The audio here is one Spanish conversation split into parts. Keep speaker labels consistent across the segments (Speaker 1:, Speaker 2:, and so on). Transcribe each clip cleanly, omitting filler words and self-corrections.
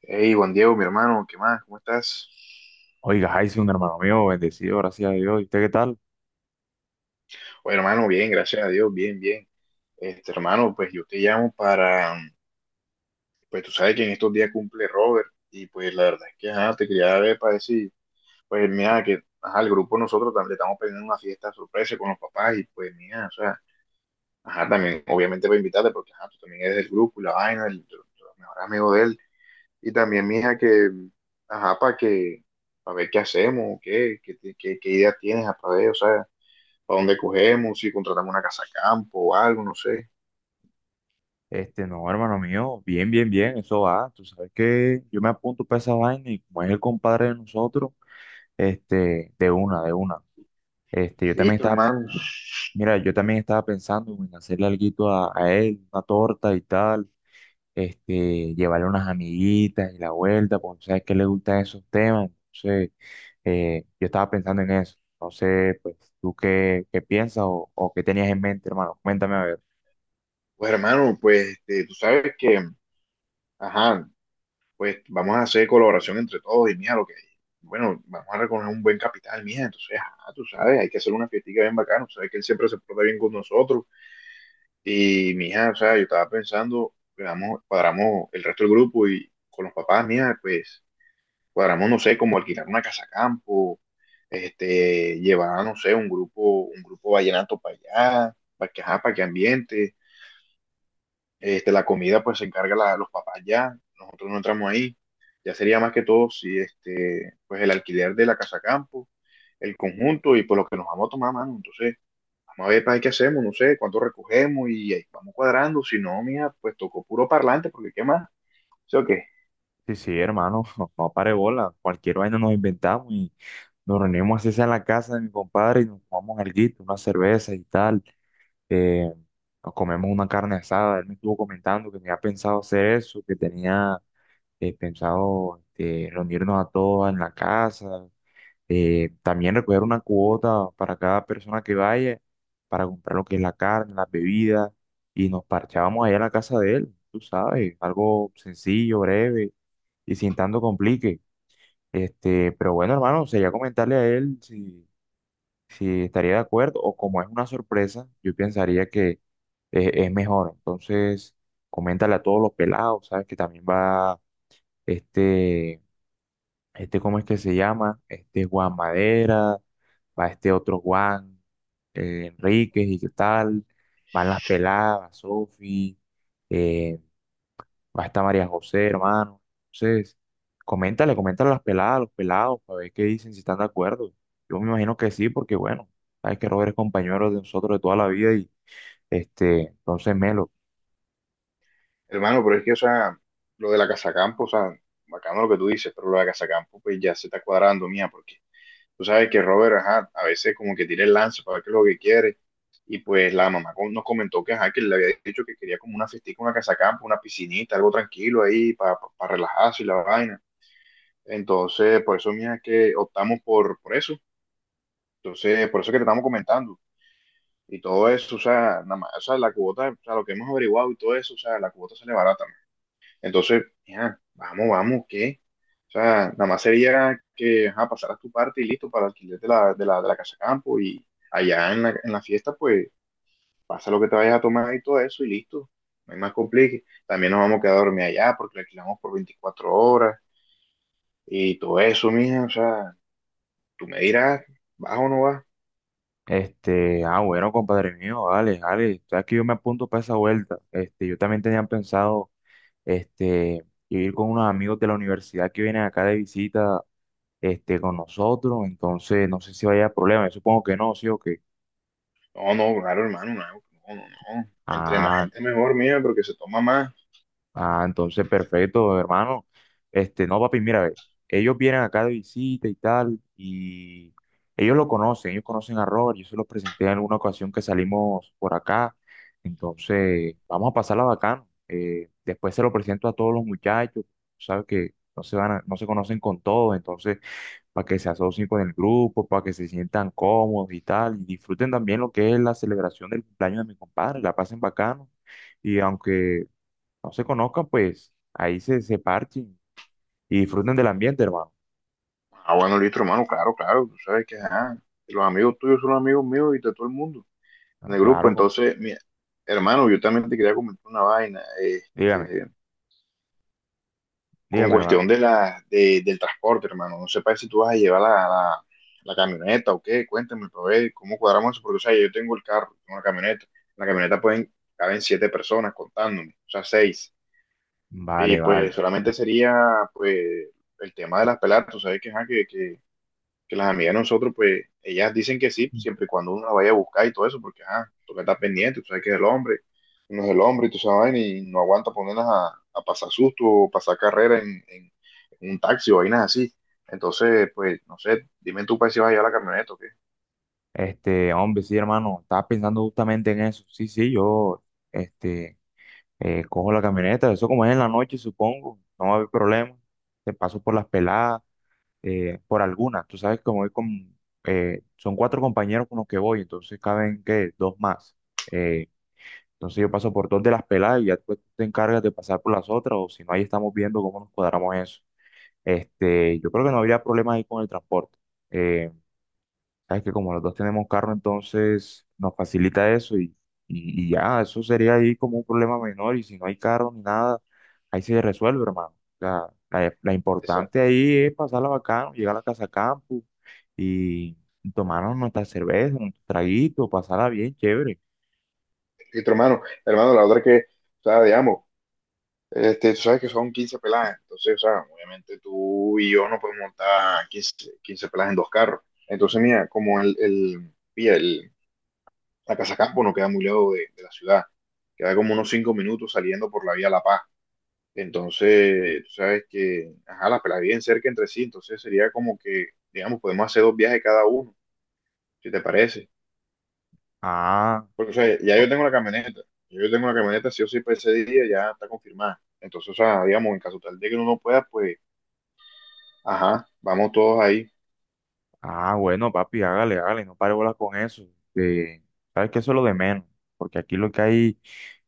Speaker 1: Hey, Juan Diego, mi hermano, ¿qué más? ¿Cómo estás?
Speaker 2: Oiga, un hermano mío, bendecido, gracias a Dios. ¿Y usted qué tal?
Speaker 1: Oye, hermano, bien, gracias a Dios, bien, bien. Hermano, pues yo te llamo pues tú sabes que en estos días cumple Robert y pues la verdad es que, ajá, te quería ver para decir, pues mira, que, ajá, el grupo nosotros también le estamos pidiendo una fiesta sorpresa con los papás y pues mira, o sea, ajá, también, obviamente voy a invitarte porque, ajá, tú también eres del grupo y la vaina, tu mejor amigo de él. Y también, mija, ajá, para para ver qué hacemos, qué idea tienes, para ver, o sea, para dónde cogemos, si contratamos una casa campo o algo, no sé.
Speaker 2: No, hermano mío, bien, bien, bien, eso va. Tú sabes que yo me apunto para esa vaina y como es el compadre de nosotros, este, de una, de una. Este, yo también
Speaker 1: Listo,
Speaker 2: estaba,
Speaker 1: hermano.
Speaker 2: Mira, yo también estaba pensando en hacerle alguito a él, una torta y tal, este, llevarle unas amiguitas y la vuelta, porque tú sabes que le gustan esos temas. Entonces, yo estaba pensando en eso. No sé, pues, ¿tú qué piensas o qué tenías en mente, hermano? Cuéntame a ver.
Speaker 1: Pues, hermano, pues tú sabes que, ajá, pues vamos a hacer colaboración entre todos y mira lo que hay. Bueno, vamos a recoger un buen capital, mija. Entonces, ajá, tú sabes, hay que hacer una fiestica bien bacana. Tú sabes que él siempre se porta bien con nosotros. Y, mija, o sea, yo estaba pensando, pues, vamos, cuadramos el resto del grupo y con los papás, mija, pues cuadramos, no sé, como alquilar una casa campo, llevar, no sé, un grupo vallenato para allá, para que, ajá, para que ambiente, la comida pues se encarga los papás ya, nosotros no entramos ahí, ya sería más que todo si este, pues el alquiler de la casa campo, el conjunto y pues lo que nos vamos a tomar, mano. Entonces vamos a ver para qué hacemos, no sé, cuánto recogemos y ahí vamos cuadrando, si no, mija, pues tocó puro parlante, porque qué más, ¿sí o qué?
Speaker 2: Sí, sí, hermano, no, no pare bola, cualquier vaina nos inventamos y nos reunimos así sea en la casa de mi compadre y nos tomamos alguito, una cerveza y tal, eh, nos comemos una carne asada. Él me estuvo comentando que tenía pensado hacer eso, que tenía pensado, reunirnos a todos en la casa, también recoger una cuota para cada persona que vaya, para comprar lo que es la carne, las bebidas, y nos parchábamos allá en la casa de él. Tú sabes, algo sencillo, breve y sin tanto complique. Este, pero bueno, hermano, sería comentarle a él si, si estaría de acuerdo o como es una sorpresa, yo pensaría que es mejor. Entonces, coméntale a todos los pelados, ¿sabes? Que también va este, este, ¿cómo es que se llama? Este Juan Madera, va este otro Juan, Enríquez y qué tal, van las peladas, Sofi, eh, va a estar María José, hermano. Entonces, coméntale, coméntale a las peladas, a los pelados, para ver qué dicen, si están de acuerdo. Yo me imagino que sí, porque bueno, sabes que Robert es compañero de nosotros de toda la vida y este, entonces Melo,
Speaker 1: Hermano, pero es que, o sea, lo de la Casacampo, o sea, bacano lo que tú dices, pero lo de la Casacampo, pues ya se está cuadrando, mía, porque tú sabes que Robert, ajá, a veces como que tira el lance para ver qué es lo que quiere, y pues la mamá nos comentó que, ajá, que le había dicho que quería como una festica, una Casacampo, una piscinita, algo tranquilo ahí, para relajarse y la vaina. Entonces, por eso, mía, que optamos por eso. Entonces, por eso que te estamos comentando. Y todo eso, o sea, nada más, o sea, la cuota, o sea, lo que hemos averiguado y todo eso, o sea, la cuota sale barata, entonces, ya, vamos, ¿qué? O sea, nada más sería que ajá, pasaras tu parte y listo para el alquiler de de la casa campo y allá en en la fiesta, pues pasa lo que te vayas a tomar y todo eso y listo. No hay más complique. También nos vamos a quedar a dormir allá porque la alquilamos por 24 horas y todo eso, mija. O sea, tú me dirás, ¿vas o no vas?
Speaker 2: ah, bueno, compadre mío, vale, vale, sabes que yo me apunto para esa vuelta. Este, yo también tenía pensado, este, ir con unos amigos de la universidad que vienen acá de visita, este, con nosotros, entonces no sé si vaya a haber problema, yo supongo que no, sí o qué.
Speaker 1: No, no, claro, hermano, no, no, no, no. Entre más
Speaker 2: Ah,
Speaker 1: gente mejor, mija, porque se toma más.
Speaker 2: Ah, entonces perfecto, hermano. Este, no, papi, mira, ve, ellos vienen acá de visita y tal, y ellos lo conocen, ellos conocen a Robert, yo se los presenté en alguna ocasión que salimos por acá, entonces vamos a pasarla bacano. Después se lo presento a todos los muchachos, sabes que no se van a- no se conocen con todos, entonces para que se asocien con el grupo, para que se sientan cómodos y tal, y disfruten también lo que es la celebración del cumpleaños de mi compadre, la pasen bacano. Y aunque no se conozcan, pues ahí se parchen y disfruten del ambiente, hermano.
Speaker 1: Ah, bueno, listo, hermano, claro, claro. Tú sabes que ajá, los amigos tuyos son los amigos míos y de todo el mundo en
Speaker 2: Ah,
Speaker 1: el grupo.
Speaker 2: claro, com-
Speaker 1: Entonces, mira, hermano, yo también te quería comentar una vaina.
Speaker 2: dígame,
Speaker 1: Con
Speaker 2: dígame, hermano.
Speaker 1: cuestión de del transporte, hermano. No sepa si tú vas a llevar la camioneta o qué. Cuéntame, pero ver cómo cuadramos eso. Porque, o sea, yo tengo el carro, tengo la camioneta. En la camioneta pueden, caben 7 personas contándome, o sea, seis. Y
Speaker 2: Vale,
Speaker 1: pues
Speaker 2: vale.
Speaker 1: solamente sería, pues, el tema de las peladas. Tú sabes que, ajá, que las amigas de nosotros, pues, ellas dicen que sí, siempre y cuando uno la vaya a buscar y todo eso, porque, ah, toca estar pendiente, tú sabes que es el hombre, uno es el hombre y tú sabes, y no aguanta ponerlas a pasar susto o pasar carrera en un taxi o vainas así. Entonces, pues, no sé, dime tú para si vas a llevar la camioneta o qué.
Speaker 2: Este, hombre, sí, hermano, estaba pensando justamente en eso. Sí, sí, yo, este, cojo la camioneta, eso como es en la noche, supongo, no va a haber problema. Te paso por las peladas, por algunas. Tú sabes que voy con, son cuatro compañeros con los que voy, entonces caben, que dos más. Eh, Entonces yo paso por dos de las peladas y ya tú te encargas de pasar por las otras, o si no, ahí estamos viendo cómo nos cuadramos eso. Este, yo creo que no habría problema ahí con el transporte. Eh, sabes que como los dos tenemos carro, entonces nos facilita eso y ya, eso sería ahí como un problema menor y si no hay carro ni nada, ahí se resuelve, hermano. La
Speaker 1: Esa,
Speaker 2: importante ahí es pasarla bacano, llegar a la casa campo y tomarnos nuestra cerveza, un traguito, pasarla bien, chévere.
Speaker 1: listo, hermano, la otra es que, o sea, digamos, tú sabes que son 15 peladas, entonces, o sea, obviamente tú y yo no podemos montar 15 peladas en 2 carros. Entonces, mira, como pilla, el, La Casa Campo no queda muy lejos de la ciudad, queda como unos 5 minutos saliendo por la vía La Paz. Entonces, tú sabes que, ajá, las pelas bien cerca entre sí, entonces sería como que, digamos, podemos hacer 2 viajes cada uno, si te parece.
Speaker 2: Ah.
Speaker 1: Porque, o sea, ya yo tengo la camioneta, sí o sí, para ese día ya está confirmada. Entonces, o sea, digamos, en caso tal de que uno no pueda, pues, ajá, vamos todos ahí.
Speaker 2: Ah, bueno, papi, hágale, hágale, no pare bolas con eso. Este, sabes que eso es lo de menos, porque aquí lo que hay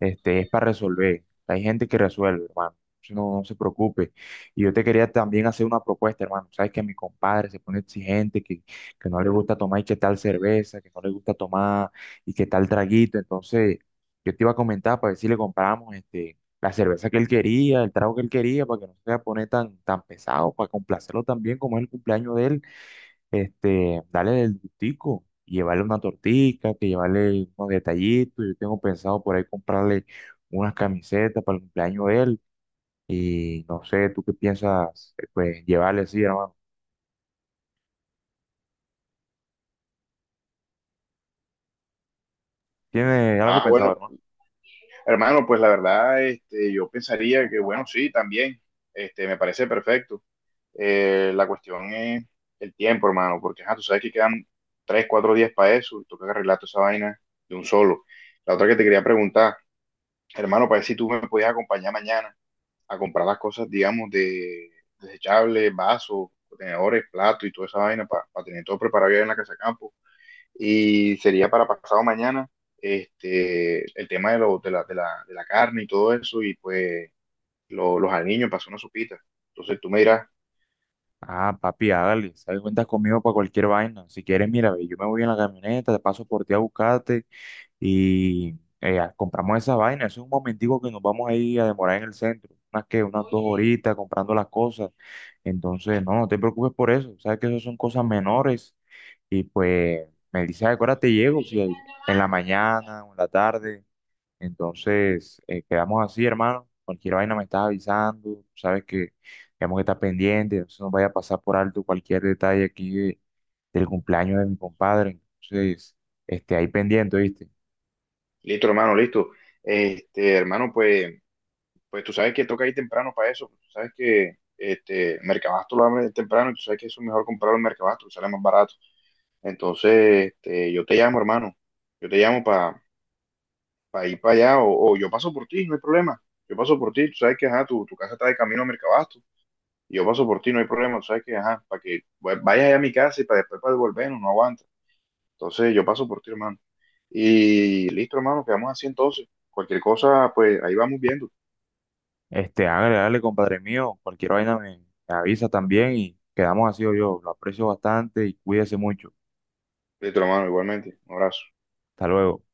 Speaker 2: es para resolver. Hay gente que resuelve, hermano. Entonces, no, no se preocupe. Y yo te quería también hacer una propuesta, hermano. Sabes que mi compadre se pone exigente, que no le gusta tomar y qué tal cerveza, que no le gusta tomar y qué tal traguito. Entonces, yo te iba a comentar para ver si le compramos este, la cerveza que él quería, el trago que él quería, para que no se vaya a poner tan pesado, para complacerlo también, como es el cumpleaños de él este, dale el gustico, llevarle una tortica, que llevarle unos detallitos. Yo tengo pensado por ahí comprarle unas camisetas para el cumpleaños de él. Y no sé, ¿tú qué piensas, pues, llevarle, sí, hermano? ¿Tienes algo
Speaker 1: Ah,
Speaker 2: pensado,
Speaker 1: bueno,
Speaker 2: hermano?
Speaker 1: hermano, pues la verdad, yo pensaría que, bueno, sí, también, me parece perfecto. La cuestión es el tiempo, hermano, porque ajá, tú sabes que quedan tres, cuatro días para eso, y toca arreglar toda esa vaina de un solo. La otra que te quería preguntar, hermano, para ver si tú me podías acompañar mañana a comprar las cosas, digamos, de desechables, vasos, contenedores, platos y toda esa vaina para tener todo preparado ya en la casa de campo. Y sería para pasado mañana este, el tema de, lo, de, la, de, la, de la carne y todo eso, y pues los aliños, pasó una sopita. Entonces tú me dirás.
Speaker 2: Ah, papi, hágale, sabes, cuentas conmigo para cualquier vaina. Si quieres, mira, ve, yo me voy en la camioneta, te paso por ti a buscarte y compramos esa vaina. Eso es un momentico que nos vamos a ir a demorar en el centro. Unas dos horitas comprando las cosas. Entonces, no, no te preocupes por eso. Sabes que eso son cosas menores. Y pues me dice, ¿a qué hora te llego? Si hay- en la mañana o en la tarde. Entonces, quedamos así, hermano. Cualquier vaina me estás avisando. Sabes que tenemos que estar pendientes. No se nos vaya a pasar por alto cualquier detalle aquí de- del cumpleaños de mi compadre. Entonces, este, ahí pendiente, ¿viste?
Speaker 1: Listo, hermano, listo. Hermano, pues, pues tú sabes que toca ir temprano para eso. Tú sabes que este, Mercabasto lo abre temprano y tú sabes que eso es mejor comprarlo en Mercabasto, sale más barato. Entonces, este, yo te llamo, hermano. Yo te llamo para ir para allá o yo paso por ti, no hay problema. Yo paso por ti, tú sabes que ajá, tu casa está de camino a Mercabasto y yo paso por ti, no hay problema. Tú sabes que ajá, para que pues, vayas allá a mi casa y para después para devolvernos, no aguanto. Entonces yo paso por ti, hermano. Y listo, hermano, quedamos así entonces. Cualquier cosa, pues ahí vamos viendo.
Speaker 2: Este, hágale, hágale, compadre mío. Cualquier vaina me avisa también y quedamos así, yo lo aprecio bastante y cuídese mucho.
Speaker 1: Listo, hermano, igualmente. Un abrazo.
Speaker 2: Hasta luego.